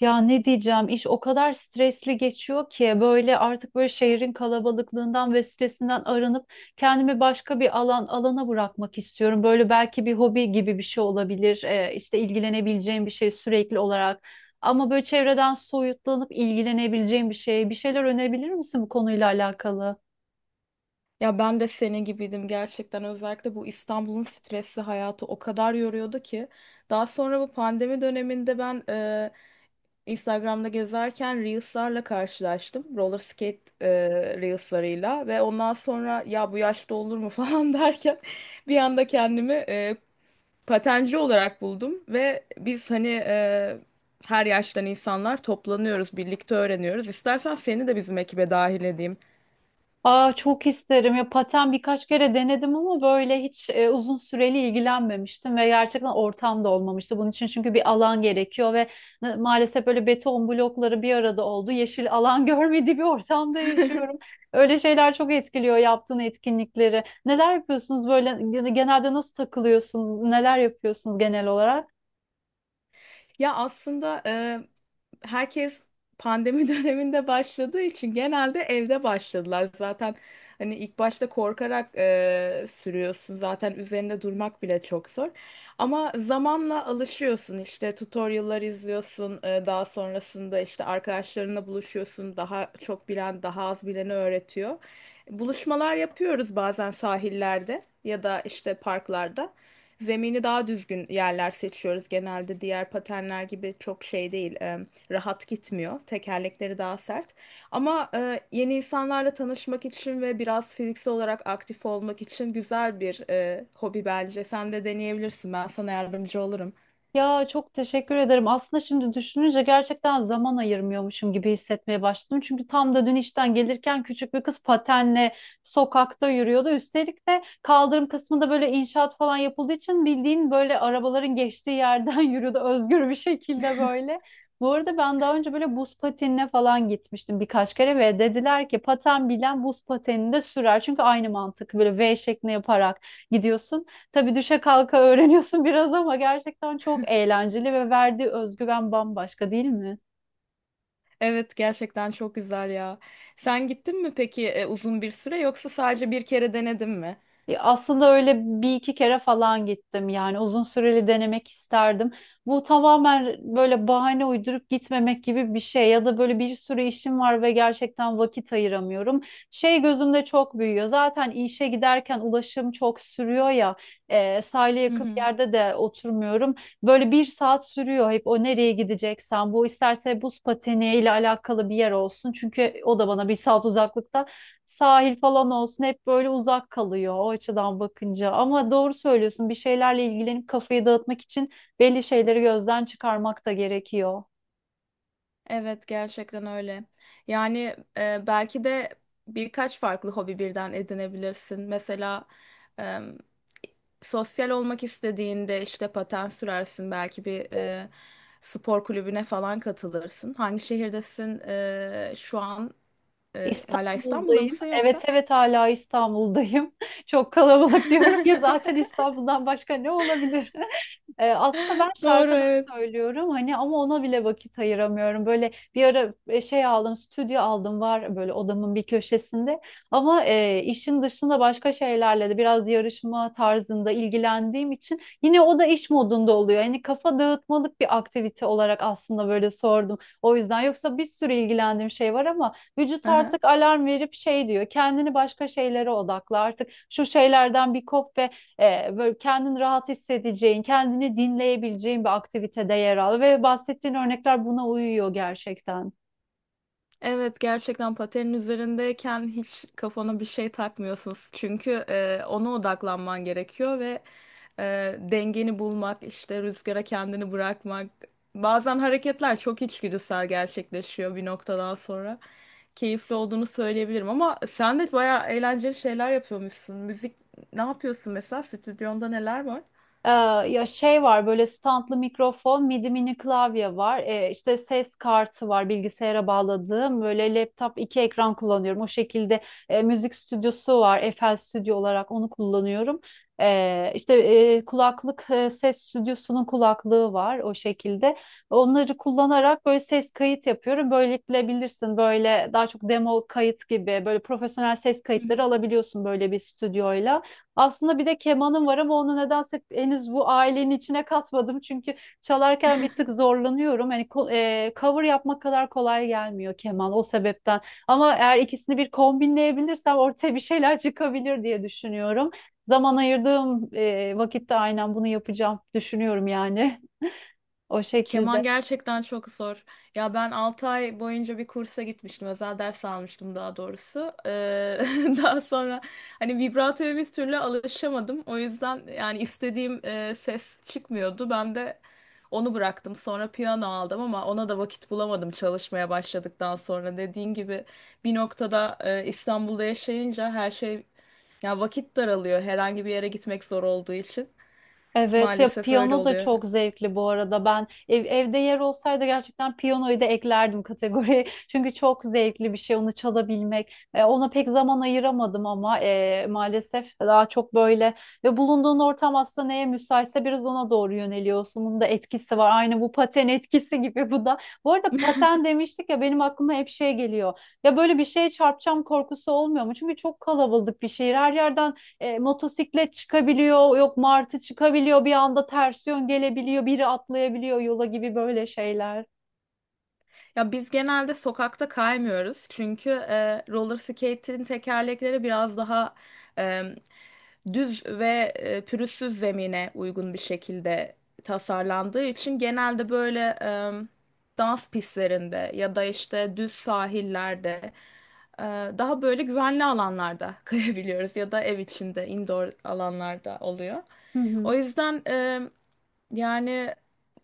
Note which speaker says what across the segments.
Speaker 1: Ya ne diyeceğim, iş o kadar stresli geçiyor ki böyle artık böyle şehrin kalabalıklığından ve stresinden arınıp kendimi başka bir alana bırakmak istiyorum. Böyle belki bir hobi gibi bir şey olabilir. İşte ilgilenebileceğim bir şey sürekli olarak. Ama böyle çevreden soyutlanıp ilgilenebileceğim bir şey. Bir şeyler önerebilir misin bu konuyla alakalı?
Speaker 2: Ya ben de senin gibiydim gerçekten. Özellikle bu İstanbul'un stresli hayatı o kadar yoruyordu ki. Daha sonra bu pandemi döneminde Instagram'da gezerken Reels'larla karşılaştım. Reels'larıyla ve ondan sonra ya bu yaşta olur mu falan derken bir anda kendimi patenci olarak buldum ve her yaştan insanlar toplanıyoruz, birlikte öğreniyoruz. İstersen seni de bizim ekibe dahil edeyim.
Speaker 1: Aa, çok isterim ya, paten birkaç kere denedim ama böyle hiç uzun süreli ilgilenmemiştim ve gerçekten ortam da olmamıştı bunun için, çünkü bir alan gerekiyor ve maalesef böyle beton blokları bir arada oldu, yeşil alan görmediği bir ortamda yaşıyorum. Öyle şeyler çok etkiliyor. Yaptığın etkinlikleri, neler yapıyorsunuz böyle genelde? Nasıl takılıyorsunuz, neler yapıyorsunuz genel olarak?
Speaker 2: Ya aslında e, herkes pandemi döneminde başladığı için genelde evde başladılar. Zaten hani ilk başta korkarak sürüyorsun. Zaten üzerinde durmak bile çok zor. Ama zamanla alışıyorsun. İşte tutorial'lar izliyorsun. Daha sonrasında işte arkadaşlarınla buluşuyorsun. Daha çok bilen, daha az bileni öğretiyor. Buluşmalar yapıyoruz bazen sahillerde ya da işte parklarda. Zemini daha düzgün yerler seçiyoruz genelde. Diğer patenler gibi çok şey değil, rahat gitmiyor. Tekerlekleri daha sert. Ama yeni insanlarla tanışmak için ve biraz fiziksel olarak aktif olmak için güzel bir hobi bence. Sen de deneyebilirsin. Ben sana yardımcı olurum.
Speaker 1: Ya çok teşekkür ederim. Aslında şimdi düşününce gerçekten zaman ayırmıyormuşum gibi hissetmeye başladım. Çünkü tam da dün işten gelirken küçük bir kız patenle sokakta yürüyordu. Üstelik de kaldırım kısmında böyle inşaat falan yapıldığı için bildiğin böyle arabaların geçtiği yerden yürüyordu özgür bir şekilde böyle. Bu arada ben daha önce böyle buz patenine falan gitmiştim birkaç kere ve dediler ki paten bilen buz patenini de sürer. Çünkü aynı mantık, böyle V şeklinde yaparak gidiyorsun. Tabii düşe kalka öğreniyorsun biraz ama gerçekten çok eğlenceli ve verdiği özgüven bambaşka, değil mi?
Speaker 2: Evet, gerçekten çok güzel ya. Sen gittin mi peki, uzun bir süre yoksa sadece bir kere denedin mi?
Speaker 1: Aslında öyle bir iki kere falan gittim, yani uzun süreli denemek isterdim. Bu tamamen böyle bahane uydurup gitmemek gibi bir şey ya da böyle bir sürü işim var ve gerçekten vakit ayıramıyorum. Şey, gözümde çok büyüyor zaten, işe giderken ulaşım çok sürüyor ya, sahile
Speaker 2: Hı
Speaker 1: yakın bir
Speaker 2: hı.
Speaker 1: yerde de oturmuyorum. Böyle bir saat sürüyor hep o, nereye gideceksen, bu isterse buz pateni ile alakalı bir yer olsun, çünkü o da bana bir saat uzaklıkta, sahil falan olsun, hep böyle uzak kalıyor o açıdan bakınca. Ama doğru söylüyorsun, bir şeylerle ilgilenip kafayı dağıtmak için belli şeyleri gözden çıkarmak da gerekiyor.
Speaker 2: Evet gerçekten öyle. Yani, belki de birkaç farklı hobi birden edinebilirsin. Mesela e, sosyal olmak istediğinde işte paten sürersin. Belki bir spor kulübüne falan katılırsın. Hangi şehirdesin, şu an? Hala İstanbul'da
Speaker 1: İstanbul'dayım.
Speaker 2: mısın
Speaker 1: Evet
Speaker 2: yoksa?
Speaker 1: evet, hala İstanbul'dayım. Çok kalabalık diyorum ya zaten, İstanbul'dan başka ne olabilir? Aslında ben
Speaker 2: Doğru,
Speaker 1: şarkı da
Speaker 2: evet.
Speaker 1: söylüyorum hani ama ona bile vakit ayıramıyorum. Böyle bir ara şey aldım, stüdyo aldım, var böyle odamın bir köşesinde. Ama işin dışında başka şeylerle de biraz yarışma tarzında ilgilendiğim için yine o da iş modunda oluyor. Yani kafa dağıtmalık bir aktivite olarak aslında böyle sordum. O yüzden, yoksa bir sürü ilgilendiğim şey var ama vücut
Speaker 2: Aha.
Speaker 1: artık alarm verip şey diyor: kendini başka şeylere odakla artık, şu şeylerden bir kop ve böyle kendini rahat hissedeceğin, kendini dinleyebileceğin bir aktivitede yer al. Ve bahsettiğin örnekler buna uyuyor gerçekten.
Speaker 2: Evet, gerçekten patenin üzerindeyken hiç kafana bir şey takmıyorsunuz. Çünkü ona odaklanman gerekiyor ve dengeni bulmak, işte rüzgara kendini bırakmak. Bazen hareketler çok içgüdüsel gerçekleşiyor bir noktadan sonra. Keyifli olduğunu söyleyebilirim ama sen de bayağı eğlenceli şeyler yapıyormuşsun. Müzik ne yapıyorsun mesela? Stüdyonda neler var?
Speaker 1: Ee, Ya şey var, böyle standlı mikrofon, midi mini klavye var. İşte ses kartı var bilgisayara bağladığım. Böyle laptop iki ekran kullanıyorum. O şekilde müzik stüdyosu var. FL Studio olarak onu kullanıyorum. İşte e, kulaklık, ses stüdyosunun kulaklığı var o şekilde. Onları kullanarak böyle ses kayıt yapıyorum. Böylelikle, bilirsin, böyle daha çok demo kayıt gibi böyle profesyonel ses kayıtları alabiliyorsun böyle bir stüdyoyla. Aslında bir de kemanım var ama onu nedense henüz bu ailenin içine katmadım. Çünkü çalarken bir tık zorlanıyorum. Cover yapmak kadar kolay gelmiyor keman, o sebepten. Ama eğer ikisini bir kombinleyebilirsem ortaya bir şeyler çıkabilir diye düşünüyorum. Zaman ayırdığım vakitte aynen bunu yapacağım, düşünüyorum yani o
Speaker 2: Keman
Speaker 1: şekilde.
Speaker 2: gerçekten çok zor. Ya ben 6 ay boyunca bir kursa gitmiştim. Özel ders almıştım daha doğrusu. Daha sonra hani vibratoya bir türlü alışamadım. O yüzden yani istediğim ses çıkmıyordu. Ben de onu bıraktım. Sonra piyano aldım ama ona da vakit bulamadım çalışmaya başladıktan sonra. Dediğin gibi bir noktada İstanbul'da yaşayınca her şey ya vakit daralıyor. Herhangi bir yere gitmek zor olduğu için.
Speaker 1: Evet ya,
Speaker 2: Maalesef öyle
Speaker 1: piyano da
Speaker 2: oluyor.
Speaker 1: çok zevkli bu arada. Ben evde yer olsaydı gerçekten piyanoyu da eklerdim kategoriye. Çünkü çok zevkli bir şey onu çalabilmek. E, ona pek zaman ayıramadım ama maalesef daha çok böyle ve bulunduğun ortam aslında neye müsaitse biraz ona doğru yöneliyorsun. Bunun da etkisi var. Aynı bu paten etkisi gibi bu da. Bu arada paten demiştik ya, benim aklıma hep şey geliyor. Ya böyle bir şeye çarpacağım korkusu olmuyor mu? Çünkü çok kalabalık bir şehir. Her yerden motosiklet çıkabiliyor, yok martı çıkabiliyor, bir anda ters yön gelebiliyor, biri atlayabiliyor yola, gibi böyle şeyler.
Speaker 2: Ya biz genelde sokakta kaymıyoruz çünkü roller skate'in tekerlekleri biraz daha e, düz ve pürüzsüz zemine uygun bir şekilde tasarlandığı için genelde böyle dans pistlerinde ya da işte düz sahillerde e, daha böyle güvenli alanlarda kayabiliyoruz ya da ev içinde indoor alanlarda oluyor.
Speaker 1: Hı
Speaker 2: O
Speaker 1: hı.
Speaker 2: yüzden yani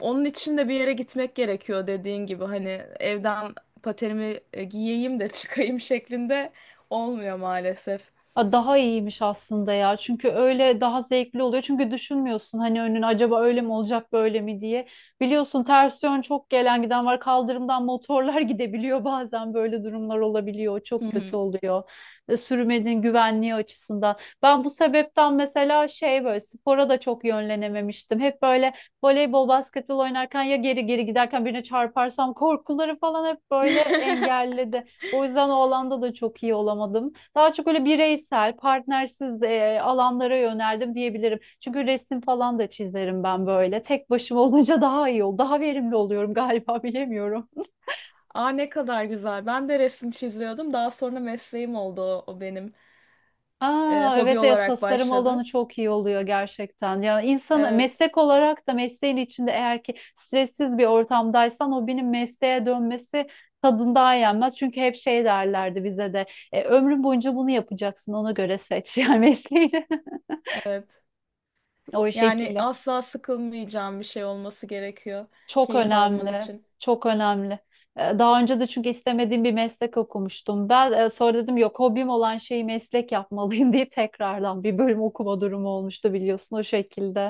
Speaker 2: onun için de bir yere gitmek gerekiyor dediğin gibi hani evden paterimi giyeyim de çıkayım şeklinde olmuyor maalesef.
Speaker 1: Aa, daha iyiymiş aslında ya. Çünkü öyle daha zevkli oluyor. Çünkü düşünmüyorsun hani önün acaba öyle mi olacak böyle mi diye. Biliyorsun, ters yön çok gelen giden var. Kaldırımdan motorlar gidebiliyor bazen, böyle durumlar olabiliyor.
Speaker 2: Hı
Speaker 1: Çok kötü
Speaker 2: hı.
Speaker 1: oluyor. E, sürmenin güvenliği açısından. Ben bu sebepten mesela şey, böyle spora da çok yönlenememiştim. Hep böyle voleybol, basketbol oynarken ya geri geri giderken birine çarparsam korkuları falan hep böyle engelledi. O yüzden o alanda da çok iyi olamadım. Daha çok öyle bireysel, partnersiz alanlara yöneldim diyebilirim. Çünkü resim falan da çizerim ben böyle. Tek başıma olunca daha iyi daha verimli oluyorum galiba bilemiyorum.
Speaker 2: Aa, ne kadar güzel. Ben de resim çiziyordum. Daha sonra mesleğim oldu o, o benim. E,
Speaker 1: Aa,
Speaker 2: hobi
Speaker 1: evet ya,
Speaker 2: olarak
Speaker 1: tasarım alanı
Speaker 2: başladı.
Speaker 1: çok iyi oluyor gerçekten. Ya insan
Speaker 2: Evet,
Speaker 1: meslek olarak da mesleğin içinde eğer ki stressiz bir ortamdaysan o, benim mesleğe dönmesi tadından yenmez. Çünkü hep şey derlerdi bize de: ömrün boyunca bunu yapacaksın, ona göre seç yani mesleğini.
Speaker 2: evet.
Speaker 1: O
Speaker 2: Yani
Speaker 1: şekilde.
Speaker 2: asla sıkılmayacağım bir şey olması gerekiyor
Speaker 1: Çok
Speaker 2: keyif alman
Speaker 1: önemli.
Speaker 2: için.
Speaker 1: Çok önemli. Daha önce de çünkü istemediğim bir meslek okumuştum. Ben sonra dedim yok, hobim olan şeyi meslek yapmalıyım deyip tekrardan bir bölüm okuma durumu olmuştu, biliyorsun, o şekilde.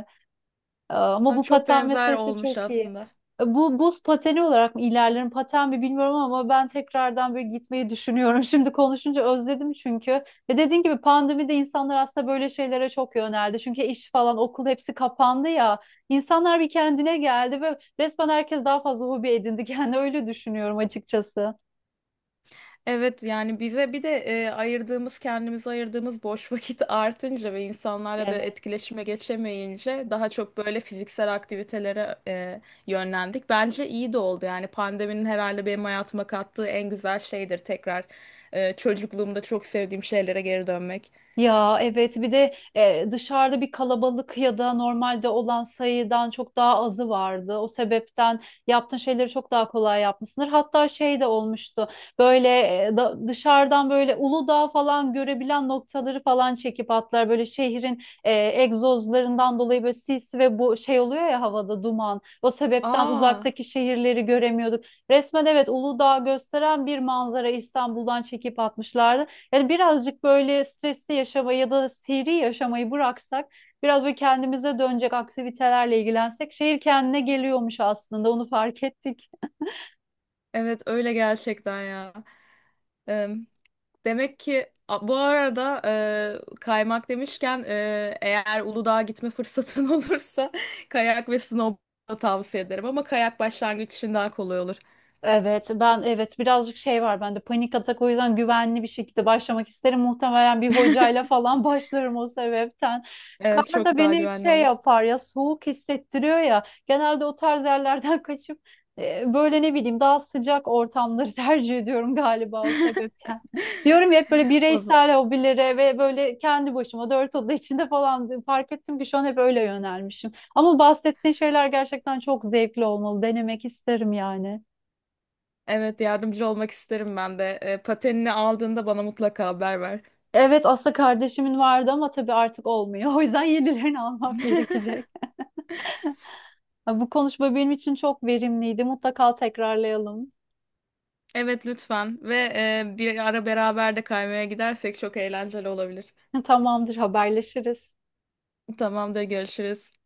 Speaker 1: Ama
Speaker 2: Ha,
Speaker 1: bu
Speaker 2: çok
Speaker 1: paten
Speaker 2: benzer
Speaker 1: meselesi
Speaker 2: olmuş
Speaker 1: çok iyi.
Speaker 2: aslında.
Speaker 1: Bu buz pateni olarak mı ilerlerim, paten mi bilmiyorum ama ben tekrardan böyle gitmeyi düşünüyorum. Şimdi konuşunca özledim çünkü. Ve dediğin gibi pandemide insanlar aslında böyle şeylere çok yöneldi. Çünkü iş falan, okul, hepsi kapandı ya. İnsanlar bir kendine geldi ve resmen herkes daha fazla hobi edindi. Yani öyle düşünüyorum açıkçası.
Speaker 2: Evet yani bize bir de ayırdığımız kendimize ayırdığımız boş vakit artınca ve insanlarla da
Speaker 1: Evet.
Speaker 2: etkileşime geçemeyince daha çok böyle fiziksel aktivitelere yönlendik. Bence iyi de oldu yani pandeminin herhalde benim hayatıma kattığı en güzel şeydir tekrar çocukluğumda çok sevdiğim şeylere geri dönmek.
Speaker 1: Ya evet, bir de dışarıda bir kalabalık ya da normalde olan sayıdan çok daha azı vardı. O sebepten yaptığın şeyleri çok daha kolay yapmışsındır. Hatta şey de olmuştu, böyle dışarıdan böyle Uludağ falan görebilen noktaları falan çekip atlar. Böyle şehrin egzozlarından dolayı böyle sis ve bu şey oluyor ya, havada duman. O sebepten
Speaker 2: Aa,
Speaker 1: uzaktaki şehirleri göremiyorduk. Resmen evet, Uludağ gösteren bir manzara İstanbul'dan çekip atmışlardı. Yani birazcık böyle stresli yaşamayı ya da seri yaşamayı bıraksak, biraz böyle kendimize dönecek aktivitelerle ilgilensek şehir kendine geliyormuş aslında, onu fark ettik.
Speaker 2: evet öyle gerçekten ya. Demek ki bu arada kaymak demişken, eğer Uludağ'a gitme fırsatın olursa kayak ve snowboard tavsiye ederim ama kayak başlangıç için daha kolay olur.
Speaker 1: Evet, ben evet birazcık şey var bende, panik atak, o yüzden güvenli bir şekilde başlamak isterim. Muhtemelen bir hocayla falan başlarım, o sebepten.
Speaker 2: Evet
Speaker 1: Kar da
Speaker 2: çok daha
Speaker 1: beni hep
Speaker 2: güvenli
Speaker 1: şey
Speaker 2: olur.
Speaker 1: yapar ya, soğuk hissettiriyor ya. Genelde o tarz yerlerden kaçıp böyle ne bileyim daha sıcak ortamları tercih ediyorum galiba, o sebepten. Diyorum ya, hep böyle
Speaker 2: O z-
Speaker 1: bireysel hobilere ve böyle kendi başıma dört oda içinde falan, fark ettim ki şu an hep öyle yönelmişim. Ama bahsettiğin şeyler gerçekten çok zevkli olmalı. Denemek isterim yani.
Speaker 2: Evet, yardımcı olmak isterim ben de. E, patenini aldığında bana mutlaka haber ver.
Speaker 1: Evet, aslında kardeşimin vardı ama tabii artık olmuyor. O yüzden yenilerini almam gerekecek. Ha, bu konuşma benim için çok verimliydi. Mutlaka tekrarlayalım.
Speaker 2: Evet lütfen ve bir ara beraber de kaymaya gidersek çok eğlenceli olabilir.
Speaker 1: Tamamdır, haberleşiriz.
Speaker 2: Tamamdır, görüşürüz.